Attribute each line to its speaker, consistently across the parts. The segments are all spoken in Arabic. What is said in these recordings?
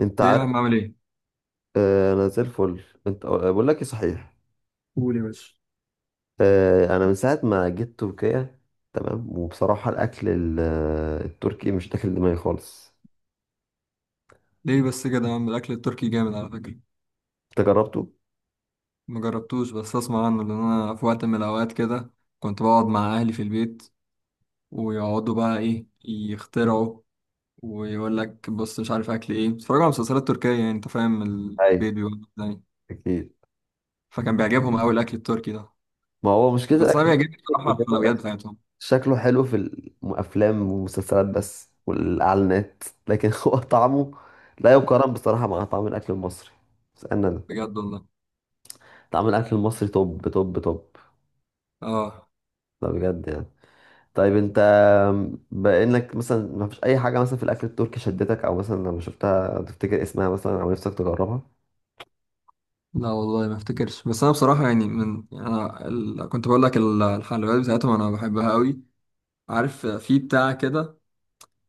Speaker 1: انت
Speaker 2: ايه يا
Speaker 1: عارف؟
Speaker 2: عم، عامل ايه؟
Speaker 1: انا زي الفل. انت بقول لك ايه صحيح.
Speaker 2: قول يا باشا.
Speaker 1: انا من ساعه ما جيت تركيا تمام، وبصراحه الاكل التركي مش داخل دماغي خالص.
Speaker 2: ليه بس كده يا عم؟ الاكل التركي جامد على فكرة.
Speaker 1: انت جربته؟
Speaker 2: مجربتوش بس اسمع عنه، لان انا في وقت من الاوقات كده كنت بقعد مع اهلي في البيت، ويقعدوا بقى ايه يخترعوا، ويقول لك بص مش عارف اكل ايه، بيتفرجوا على مسلسلات تركية، يعني انت فاهم،
Speaker 1: اي.
Speaker 2: البيت بيقول لك يعني.
Speaker 1: اكيد.
Speaker 2: فكان بيعجبهم قوي الاكل التركي ده.
Speaker 1: ما هو مشكله
Speaker 2: بس انا
Speaker 1: الاكل
Speaker 2: بيعجبني بصراحة
Speaker 1: إن هو
Speaker 2: الحلويات بتاعتهم.
Speaker 1: شكله حلو في الافلام والمسلسلات بس والاعلانات، لكن هو طعمه لا يقارن بصراحه مع طعم الاكل المصري. بس انا ده
Speaker 2: بجد والله.
Speaker 1: طعم الاكل المصري توب توب توب،
Speaker 2: اه.
Speaker 1: ده بجد يعني. طيب انت بانك مثلا ما فيش اي حاجه مثلا في الاكل التركي شدتك، او مثلا لما شفتها تفتكر اسمها مثلا، او نفسك تجربها؟
Speaker 2: لا والله ما افتكرش، بس انا بصراحة يعني يعني انا كنت بقول لك الحلويات بتاعتهم انا بحبها قوي. عارف في بتاع كده،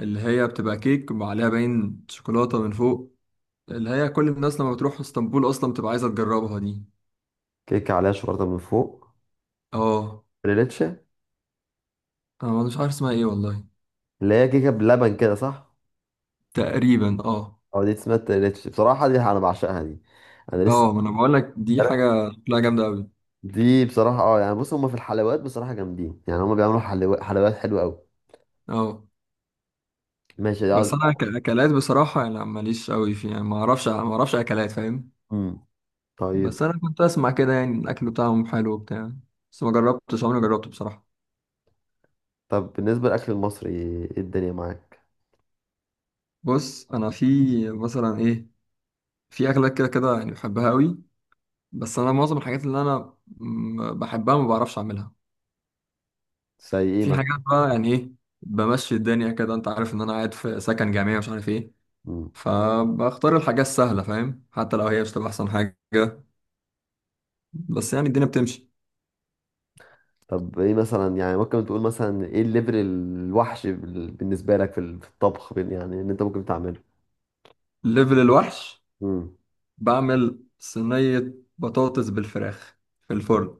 Speaker 2: اللي هي بتبقى كيك وعليها باين شوكولاتة من فوق، اللي هي كل الناس لما بتروح اسطنبول أصلا بتبقى عايزة تجربها دي.
Speaker 1: كيكه عليها شوكولاته من فوق.
Speaker 2: اه.
Speaker 1: ريليتشه.
Speaker 2: أنا مش عارف اسمها ايه والله.
Speaker 1: اللي هي كيكه بلبن كده، صح؟
Speaker 2: تقريبا اه.
Speaker 1: او دي اسمها ريليتشه، بصراحه دي انا بعشقها دي. انا لسه
Speaker 2: اه، ما أنا بقولك دي
Speaker 1: امبارح-.
Speaker 2: حاجة شكلها جامدة أوي.
Speaker 1: دي بصراحه اه يعني، بص هما في الحلويات بصراحه جامدين، يعني هما بيعملوا حلو... حلويات حلوه قوي.
Speaker 2: اه.
Speaker 1: ماشي ده.
Speaker 2: بس أنا كأكلات بصراحة يعني ماليش أوي فيها، يعني ما أعرفش أكلات فاهم.
Speaker 1: امم. طيب.
Speaker 2: بس أنا كنت أسمع كده يعني الأكل بتاعهم حلو وبتاع. بس ما جربتش، عمري ما جربته بصراحة.
Speaker 1: طب بالنسبه للاكل المصري ايه الدنيا معاك؟
Speaker 2: بص أنا في مثلا إيه، في أكلات كده كده يعني بحبها أوي. بس انا معظم الحاجات اللي انا بحبها ما بعرفش اعملها.
Speaker 1: زي ايه؟
Speaker 2: في حاجات بقى يعني ايه، بمشي الدنيا كده، انت عارف ان انا قاعد في سكن جامعي ومش عارف ايه،
Speaker 1: مثلا.
Speaker 2: فبختار الحاجات السهله فاهم، حتى لو هي مش تبقى احسن حاجه، بس يعني الدنيا بتمشي.
Speaker 1: طب ايه مثلا، يعني ممكن تقول مثلا ايه الليفل الوحش بالنسبه لك في الطبخ، يعني ان انت ممكن تعمله؟
Speaker 2: ليفل الوحش؟
Speaker 1: امم.
Speaker 2: بعمل صينيه بطاطس بالفراخ في الفرن.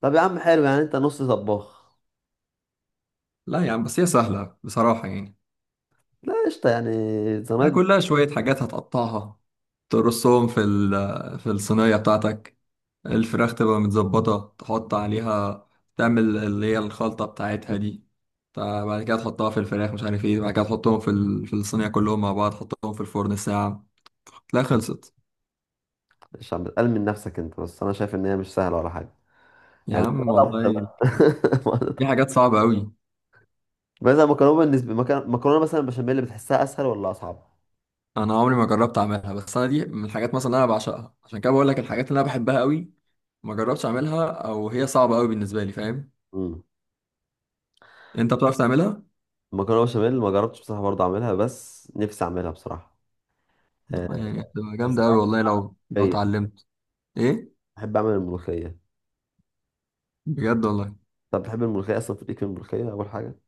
Speaker 1: طب يا عم حلو، يعني انت نص طباخ.
Speaker 2: لا يعني بس هي سهله بصراحه يعني.
Speaker 1: لا قشطه يعني،
Speaker 2: ده
Speaker 1: زمان.
Speaker 2: كلها شويه حاجات هتقطعها، ترصهم في في الصينيه بتاعتك، الفراخ تبقى متظبطة، تحط عليها، تعمل اللي هي الخلطة بتاعتها دي، بعد كده تحطها في الفراخ مش عارف ايه، بعد كده تحطهم في في الصينية كلهم مع بعض، تحطهم في الفرن ساعة، تلاقي خلصت.
Speaker 1: مش عم بتقل من نفسك انت، بس انا شايف ان هي مش سهله ولا حاجه،
Speaker 2: يا
Speaker 1: يعني
Speaker 2: عم
Speaker 1: طبخ
Speaker 2: والله
Speaker 1: بقى.
Speaker 2: دي حاجات صعبة قوي.
Speaker 1: مثلا مكرونه، بالنسبه مكرونة مثلا بشاميل، بتحسها اسهل ولا اصعب؟
Speaker 2: انا عمري ما جربت اعملها، بس انا دي من الحاجات مثلا اللي انا بعشقها، عشان كده بقول لك الحاجات اللي انا بحبها قوي ما جربتش اعملها، او هي صعبة قوي بالنسبة لي فاهم.
Speaker 1: امم.
Speaker 2: انت بتعرف تعملها؟
Speaker 1: مكرونه بشاميل ما جربتش بصراحه برضه اعملها، بس نفسي اعملها بصراحه. آه،
Speaker 2: يعني هتبقى
Speaker 1: بس
Speaker 2: جامدة قوي
Speaker 1: بعرف
Speaker 2: والله لو
Speaker 1: كيف.
Speaker 2: اتعلمت. ايه؟
Speaker 1: بحب اعمل الملوخيه.
Speaker 2: بجد والله.
Speaker 1: طب بتحب الملوخيه اصلا؟ في ليك في الملوخيه اول حاجه؟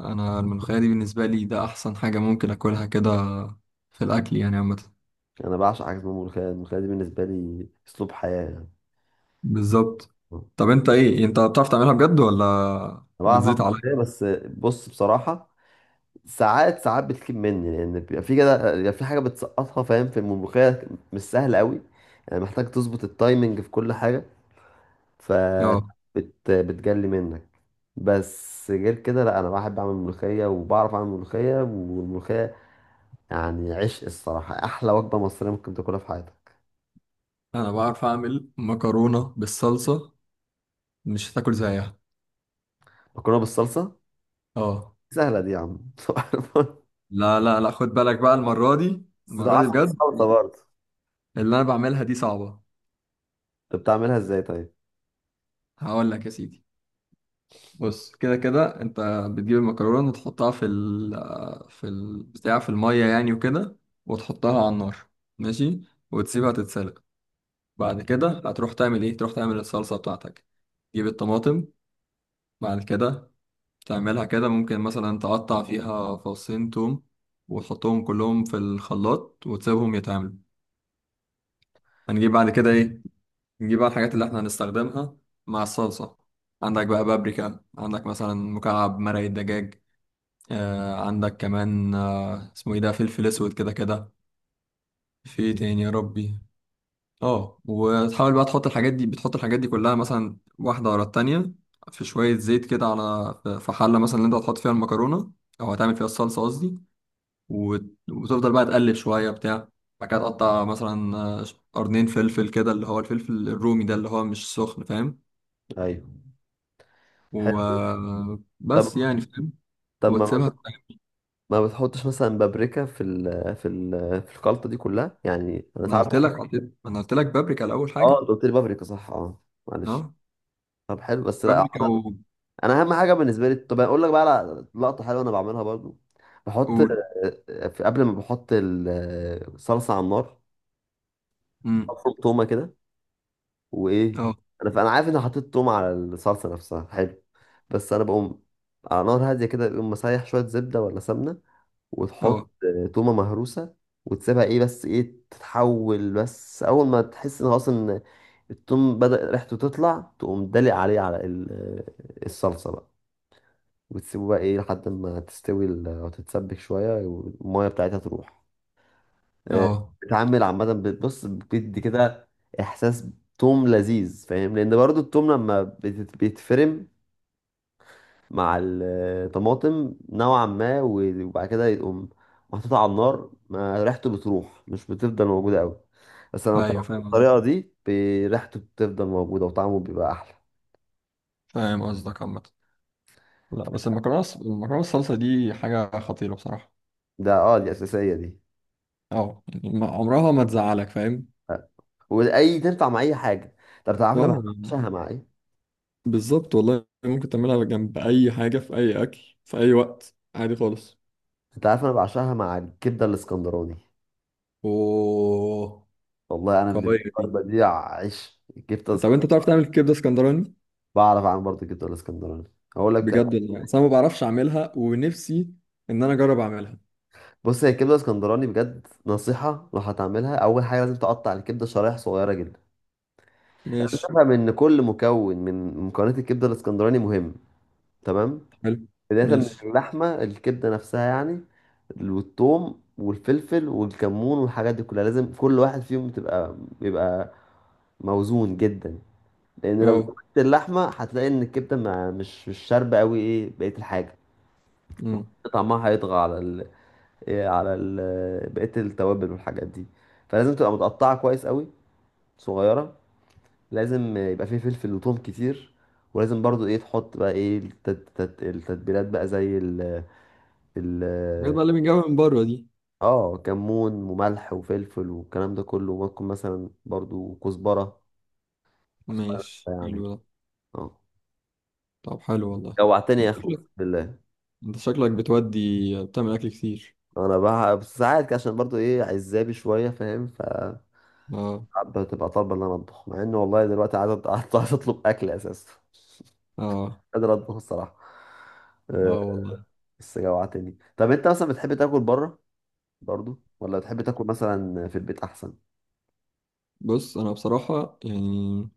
Speaker 2: انا الملوخيه دي بالنسبه لي ده احسن حاجه ممكن اكلها كده في الاكل يعني عامه.
Speaker 1: انا بعشق حاجه اسمها ملوخيه، الملوخيه دي بالنسبه لي اسلوب حياه يعني.
Speaker 2: بالظبط. طب انت ايه، انت بتعرف تعملها بجد ولا
Speaker 1: انا بعرف اعمل
Speaker 2: بتزيط
Speaker 1: ملوخيه،
Speaker 2: عليا؟
Speaker 1: بس بص بصراحه ساعات ساعات بتكيب مني، لان بيبقى في كده بيبقى في حاجه بتسقطها فاهم في الملوخيه. مش سهل قوي، يعني محتاج تظبط التايمنج في كل حاجه. ف
Speaker 2: اه،
Speaker 1: بتجلي منك. بس غير كده لا، انا بحب اعمل ملوخيه وبعرف اعمل ملوخيه، والملوخيه يعني عشق الصراحه، احلى وجبه مصريه ممكن تاكلها في حياتك.
Speaker 2: انا بعرف اعمل مكرونه بالصلصه، مش هتاكل زيها.
Speaker 1: مكرونه بالصلصه؟
Speaker 2: اه.
Speaker 1: سهله دي يا عم.
Speaker 2: لا لا لا، خد بالك بقى المره دي.
Speaker 1: بس ده
Speaker 2: المره دي
Speaker 1: عسل
Speaker 2: بجد
Speaker 1: وسلطة برضه.
Speaker 2: اللي انا بعملها دي صعبه.
Speaker 1: انت بتعملها ازاي طيب؟
Speaker 2: هقول لك يا سيدي. بص، كده كده انت بتجيب المكرونه وتحطها في ال، في البتاع، في الميه يعني وكده، وتحطها على النار، ماشي، وتسيبها تتسلق، بعد كده هتروح تعمل ايه، تروح تعمل الصلصه بتاعتك، تجيب الطماطم، بعد كده تعملها كده، ممكن مثلا تقطع فيها فصين توم وتحطهم كلهم في الخلاط وتسيبهم يتعملوا. هنجيب بعد كده ايه؟ نجيب بقى الحاجات اللي احنا هنستخدمها مع الصلصه. عندك بقى بابريكا، عندك مثلا مكعب مرق الدجاج، آه، عندك كمان اسمه ايه ده، فلفل اسود كده كده. في إيه تاني يا ربي؟ اه، وتحاول بقى تحط الحاجات دي بتحط الحاجات دي كلها مثلا واحدة ورا التانية، في شوية زيت كده على، في حلة مثلا اللي انت هتحط فيها المكرونة، او هتعمل فيها الصلصة قصدي، وتفضل بقى تقلب شوية بتاع، بعد كده تقطع مثلا قرنين فلفل كده، اللي هو الفلفل الرومي ده اللي هو مش سخن فاهم.
Speaker 1: ايوه حلو. طب
Speaker 2: وبس يعني فاهم.
Speaker 1: طب ما
Speaker 2: وتسيبها.
Speaker 1: ما بتحطش مثلا بابريكا في الخلطة دي كلها، يعني انا ساعات بحط.
Speaker 2: انا قلت لك بابريكا الاول
Speaker 1: اه
Speaker 2: حاجة.
Speaker 1: انت قلت لي بابريكا، صح، اه معلش.
Speaker 2: اه.
Speaker 1: طب حلو بس، لا
Speaker 2: فابريكا
Speaker 1: عامة انا اهم حاجة بالنسبة لي. طب اقول لك بقى على لقطة حلوة انا بعملها برضه. بحط
Speaker 2: قول.
Speaker 1: في قبل ما بحط الصلصة على النار
Speaker 2: امم
Speaker 1: بفرم تومة كده. وايه،
Speaker 2: اه.
Speaker 1: فانا عارف اني حطيت توم على الصلصه نفسها، حلو. بس انا بقوم على نار هاديه كده، بقوم مسيح شويه زبده ولا سمنه، وتحط
Speaker 2: اه.
Speaker 1: تومه مهروسه، وتسيبها ايه بس ايه تتحول. بس اول ما تحس ان خلاص، ان التوم بدأ ريحته تطلع، تقوم دلق عليه على الصلصه بقى. وتسيبه بقى ايه لحد ما تستوي وتتسبك شويه والميه بتاعتها تروح. آه،
Speaker 2: اه.
Speaker 1: بتعمل عامة، بتبص بتدي كده إحساس توم لذيذ فاهم، لأن برضو التوم لما بيتفرم مع الطماطم نوعا ما وبعد كده يقوم محطوط على النار، ما ريحته بتروح مش بتفضل موجودة أوي. بس لما
Speaker 2: ايوه
Speaker 1: بتعمل
Speaker 2: فاهم قصدك،
Speaker 1: بالطريقة دي ريحته بتفضل موجودة وطعمه بيبقى أحلى.
Speaker 2: فاهم قصدك عامة. لا بس المكرونه الصلصه دي حاجه خطيره بصراحه.
Speaker 1: ده اه دي أساسية دي،
Speaker 2: اه يعني عمرها ما تزعلك فاهم.
Speaker 1: وأي تنفع مع أي حاجة. طب أنت عارف أنا
Speaker 2: اه يعني
Speaker 1: بعشقها مع إيه؟
Speaker 2: بالظبط والله، ممكن تعملها جنب اي حاجة في اي اكل في اي وقت عادي خالص.
Speaker 1: أنت عارف أنا بعشقها مع الكبدة الإسكندراني.
Speaker 2: اوه.
Speaker 1: والله انا بالنسبه
Speaker 2: قويه
Speaker 1: لي
Speaker 2: دي.
Speaker 1: الوجبه دي عيش، الكبده
Speaker 2: طب انت
Speaker 1: اسكندراني.
Speaker 2: بتعرف تعمل كبده اسكندراني؟
Speaker 1: بعرف اعمل برضه الكبده الاسكندراني. هقول لك بتعمل،
Speaker 2: بجد والله، أصل انا ما بعرفش اعملها ونفسي ان انا اجرب اعملها.
Speaker 1: بص هي الكبده الاسكندراني بجد نصيحه لو هتعملها اول حاجه لازم تقطع الكبده شرايح صغيره جدا.
Speaker 2: ماشي.
Speaker 1: تفهم ان كل مكون من مكونات الكبده الاسكندراني مهم. تمام.
Speaker 2: حلو.
Speaker 1: بدايه من
Speaker 2: ماشي.
Speaker 1: اللحمه، الكبده نفسها يعني، والثوم والفلفل والكمون والحاجات دي كلها لازم كل واحد فيهم تبقى بيبقى موزون جدا. لان لو
Speaker 2: اه.
Speaker 1: زودت اللحمه هتلاقي ان الكبده مش شاربه قوي ايه بقيه الحاجه.
Speaker 2: أمم.
Speaker 1: طعمها هيطغى على ال... إيه، على ال... بقية التوابل والحاجات دي. فلازم تبقى متقطعة كويس قوي، صغيرة. لازم يبقى فيه فلفل وثوم كتير. ولازم برضو ايه تحط بقى ايه التتبيلات بقى، زي ال ال
Speaker 2: الحاجات بقى اللي بنجيبها من بره دي.
Speaker 1: اه كمون وملح وفلفل والكلام ده كله، وممكن مثلا برضو كزبرة. كزبرة
Speaker 2: ماشي،
Speaker 1: يعني.
Speaker 2: حلو ده.
Speaker 1: اه.
Speaker 2: طب حلو والله.
Speaker 1: جوعتني يا
Speaker 2: انت
Speaker 1: اخو اقسم
Speaker 2: شكلك،
Speaker 1: بالله.
Speaker 2: انت شكلك بتودي، بتعمل اكل كتير.
Speaker 1: انا بقى ساعات كده، عشان برضو ايه عزابي شوية فاهم،
Speaker 2: اه.
Speaker 1: بتبقى طالبه ان انا اطبخ، مع ان والله دلوقتي عايز عايز اطلب اكل اساسا، مش
Speaker 2: اه.
Speaker 1: قادر اطبخ الصراحه. آه،
Speaker 2: اه والله.
Speaker 1: بس جوعتني. طب انت مثلا بتحب تاكل بره برضو، ولا بتحب تاكل مثلا في البيت احسن؟
Speaker 2: بص انا بصراحة يعني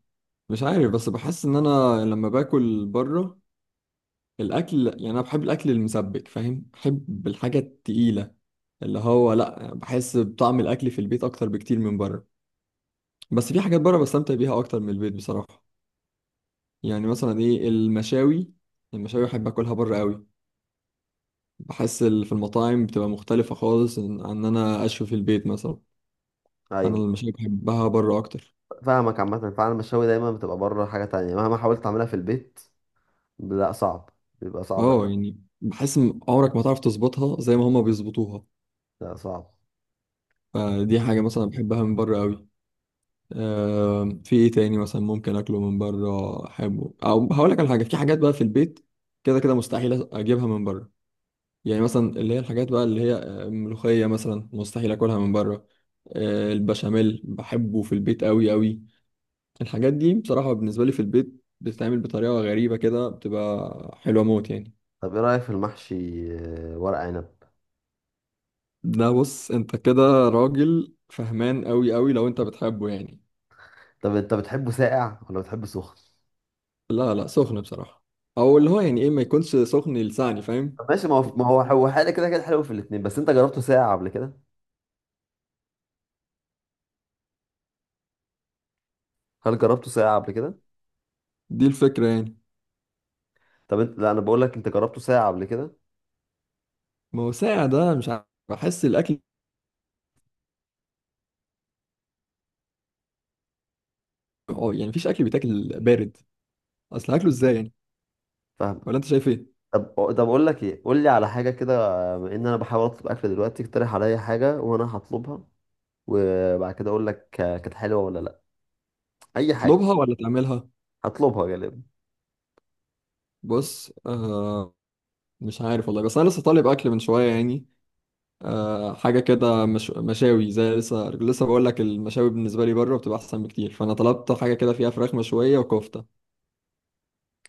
Speaker 2: مش عارف، بس بحس ان انا لما باكل بره الاكل، يعني انا بحب الاكل المسبك فاهم، بحب الحاجة التقيلة، اللي هو لا بحس بطعم الاكل في البيت اكتر بكتير من بره. بس في حاجات بره بستمتع بيها اكتر من البيت بصراحة. يعني مثلا ايه، المشاوي. المشاوي بحب اكلها بره قوي، بحس في المطاعم بتبقى مختلفة خالص عن انا اشوي في البيت مثلا. انا
Speaker 1: ايوه
Speaker 2: المشاوي بحبها بره اكتر.
Speaker 1: فاهمك، عامه فعلا المشاوي دايما بتبقى بره حاجه تانية، مهما حاولت تعملها في البيت لا صعب، بيبقى صعب.
Speaker 2: اه يعني بحس إن عمرك ما تعرف تظبطها زي ما هما بيظبطوها.
Speaker 1: لا صعب.
Speaker 2: فدي حاجة مثلا بحبها من بره قوي. آه، في ايه تاني مثلا ممكن اكله من بره احبه، او هقول لك على حاجة، في حاجات بقى في البيت كده كده مستحيل اجيبها من بره. يعني مثلا اللي هي الحاجات بقى اللي هي ملوخية مثلا مستحيل اكلها من بره. آه، البشاميل بحبه في البيت قوي قوي. الحاجات دي بصراحة بالنسبة لي في البيت بتتعمل بطريقة غريبة كده، بتبقى حلوة موت يعني.
Speaker 1: طب ايه رايك في المحشي، ورق عنب؟
Speaker 2: ده بص انت كده راجل فهمان قوي قوي لو انت بتحبه يعني.
Speaker 1: طب انت بتحبه ساقع ولا بتحبه سخن؟
Speaker 2: لا لا، سخن بصراحة. او اللي هو يعني ايه، ما يكونش سخن لساني فاهم.
Speaker 1: طب ماشي، ما هو هو حاجه كده كده حلو في الاتنين، بس انت جربته ساقع قبل كده؟ هل جربته ساقع قبل كده؟
Speaker 2: دي الفكرة يعني.
Speaker 1: طب انت، لا انا بقول لك، انت جربته ساعة قبل كده؟
Speaker 2: ما هو ساقع ده مش عارف، بحس الاكل، اه يعني مفيش اكل بيتاكل بارد، اصل هاكله ازاي يعني؟
Speaker 1: فاهمك.
Speaker 2: ولا انت شايف ايه؟
Speaker 1: طب. طب اقول لك ايه، قول لي على حاجة كده. بما ان انا بحاول اطلب اكل دلوقتي، اقترح عليا حاجة وانا هطلبها، وبعد كده اقول لك كانت حلوة ولا لا. اي حاجة.
Speaker 2: تطلبها ولا تعملها؟
Speaker 1: هطلبها غالبا.
Speaker 2: بص، مش عارف والله، بس انا لسه طالب اكل من شوية يعني. حاجة كده مش... مشاوي، زي لسه لسه بقول لك المشاوي بالنسبة لي بره بتبقى أحسن بكتير، فأنا طلبت حاجة كده فيها فراخ مشوية وكفتة.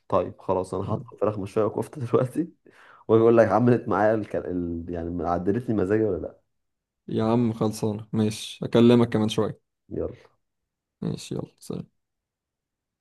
Speaker 1: طيب خلاص، انا
Speaker 2: آه،
Speaker 1: هطلب فراخ مشوية وكفتة دلوقتي. واجي اقول لك عملت معايا يعني عدلت لي مزاجي ولا لا.
Speaker 2: يا عم خلصانة، ماشي أكلمك كمان شوية.
Speaker 1: يلا.
Speaker 2: ماشي يلا سلام.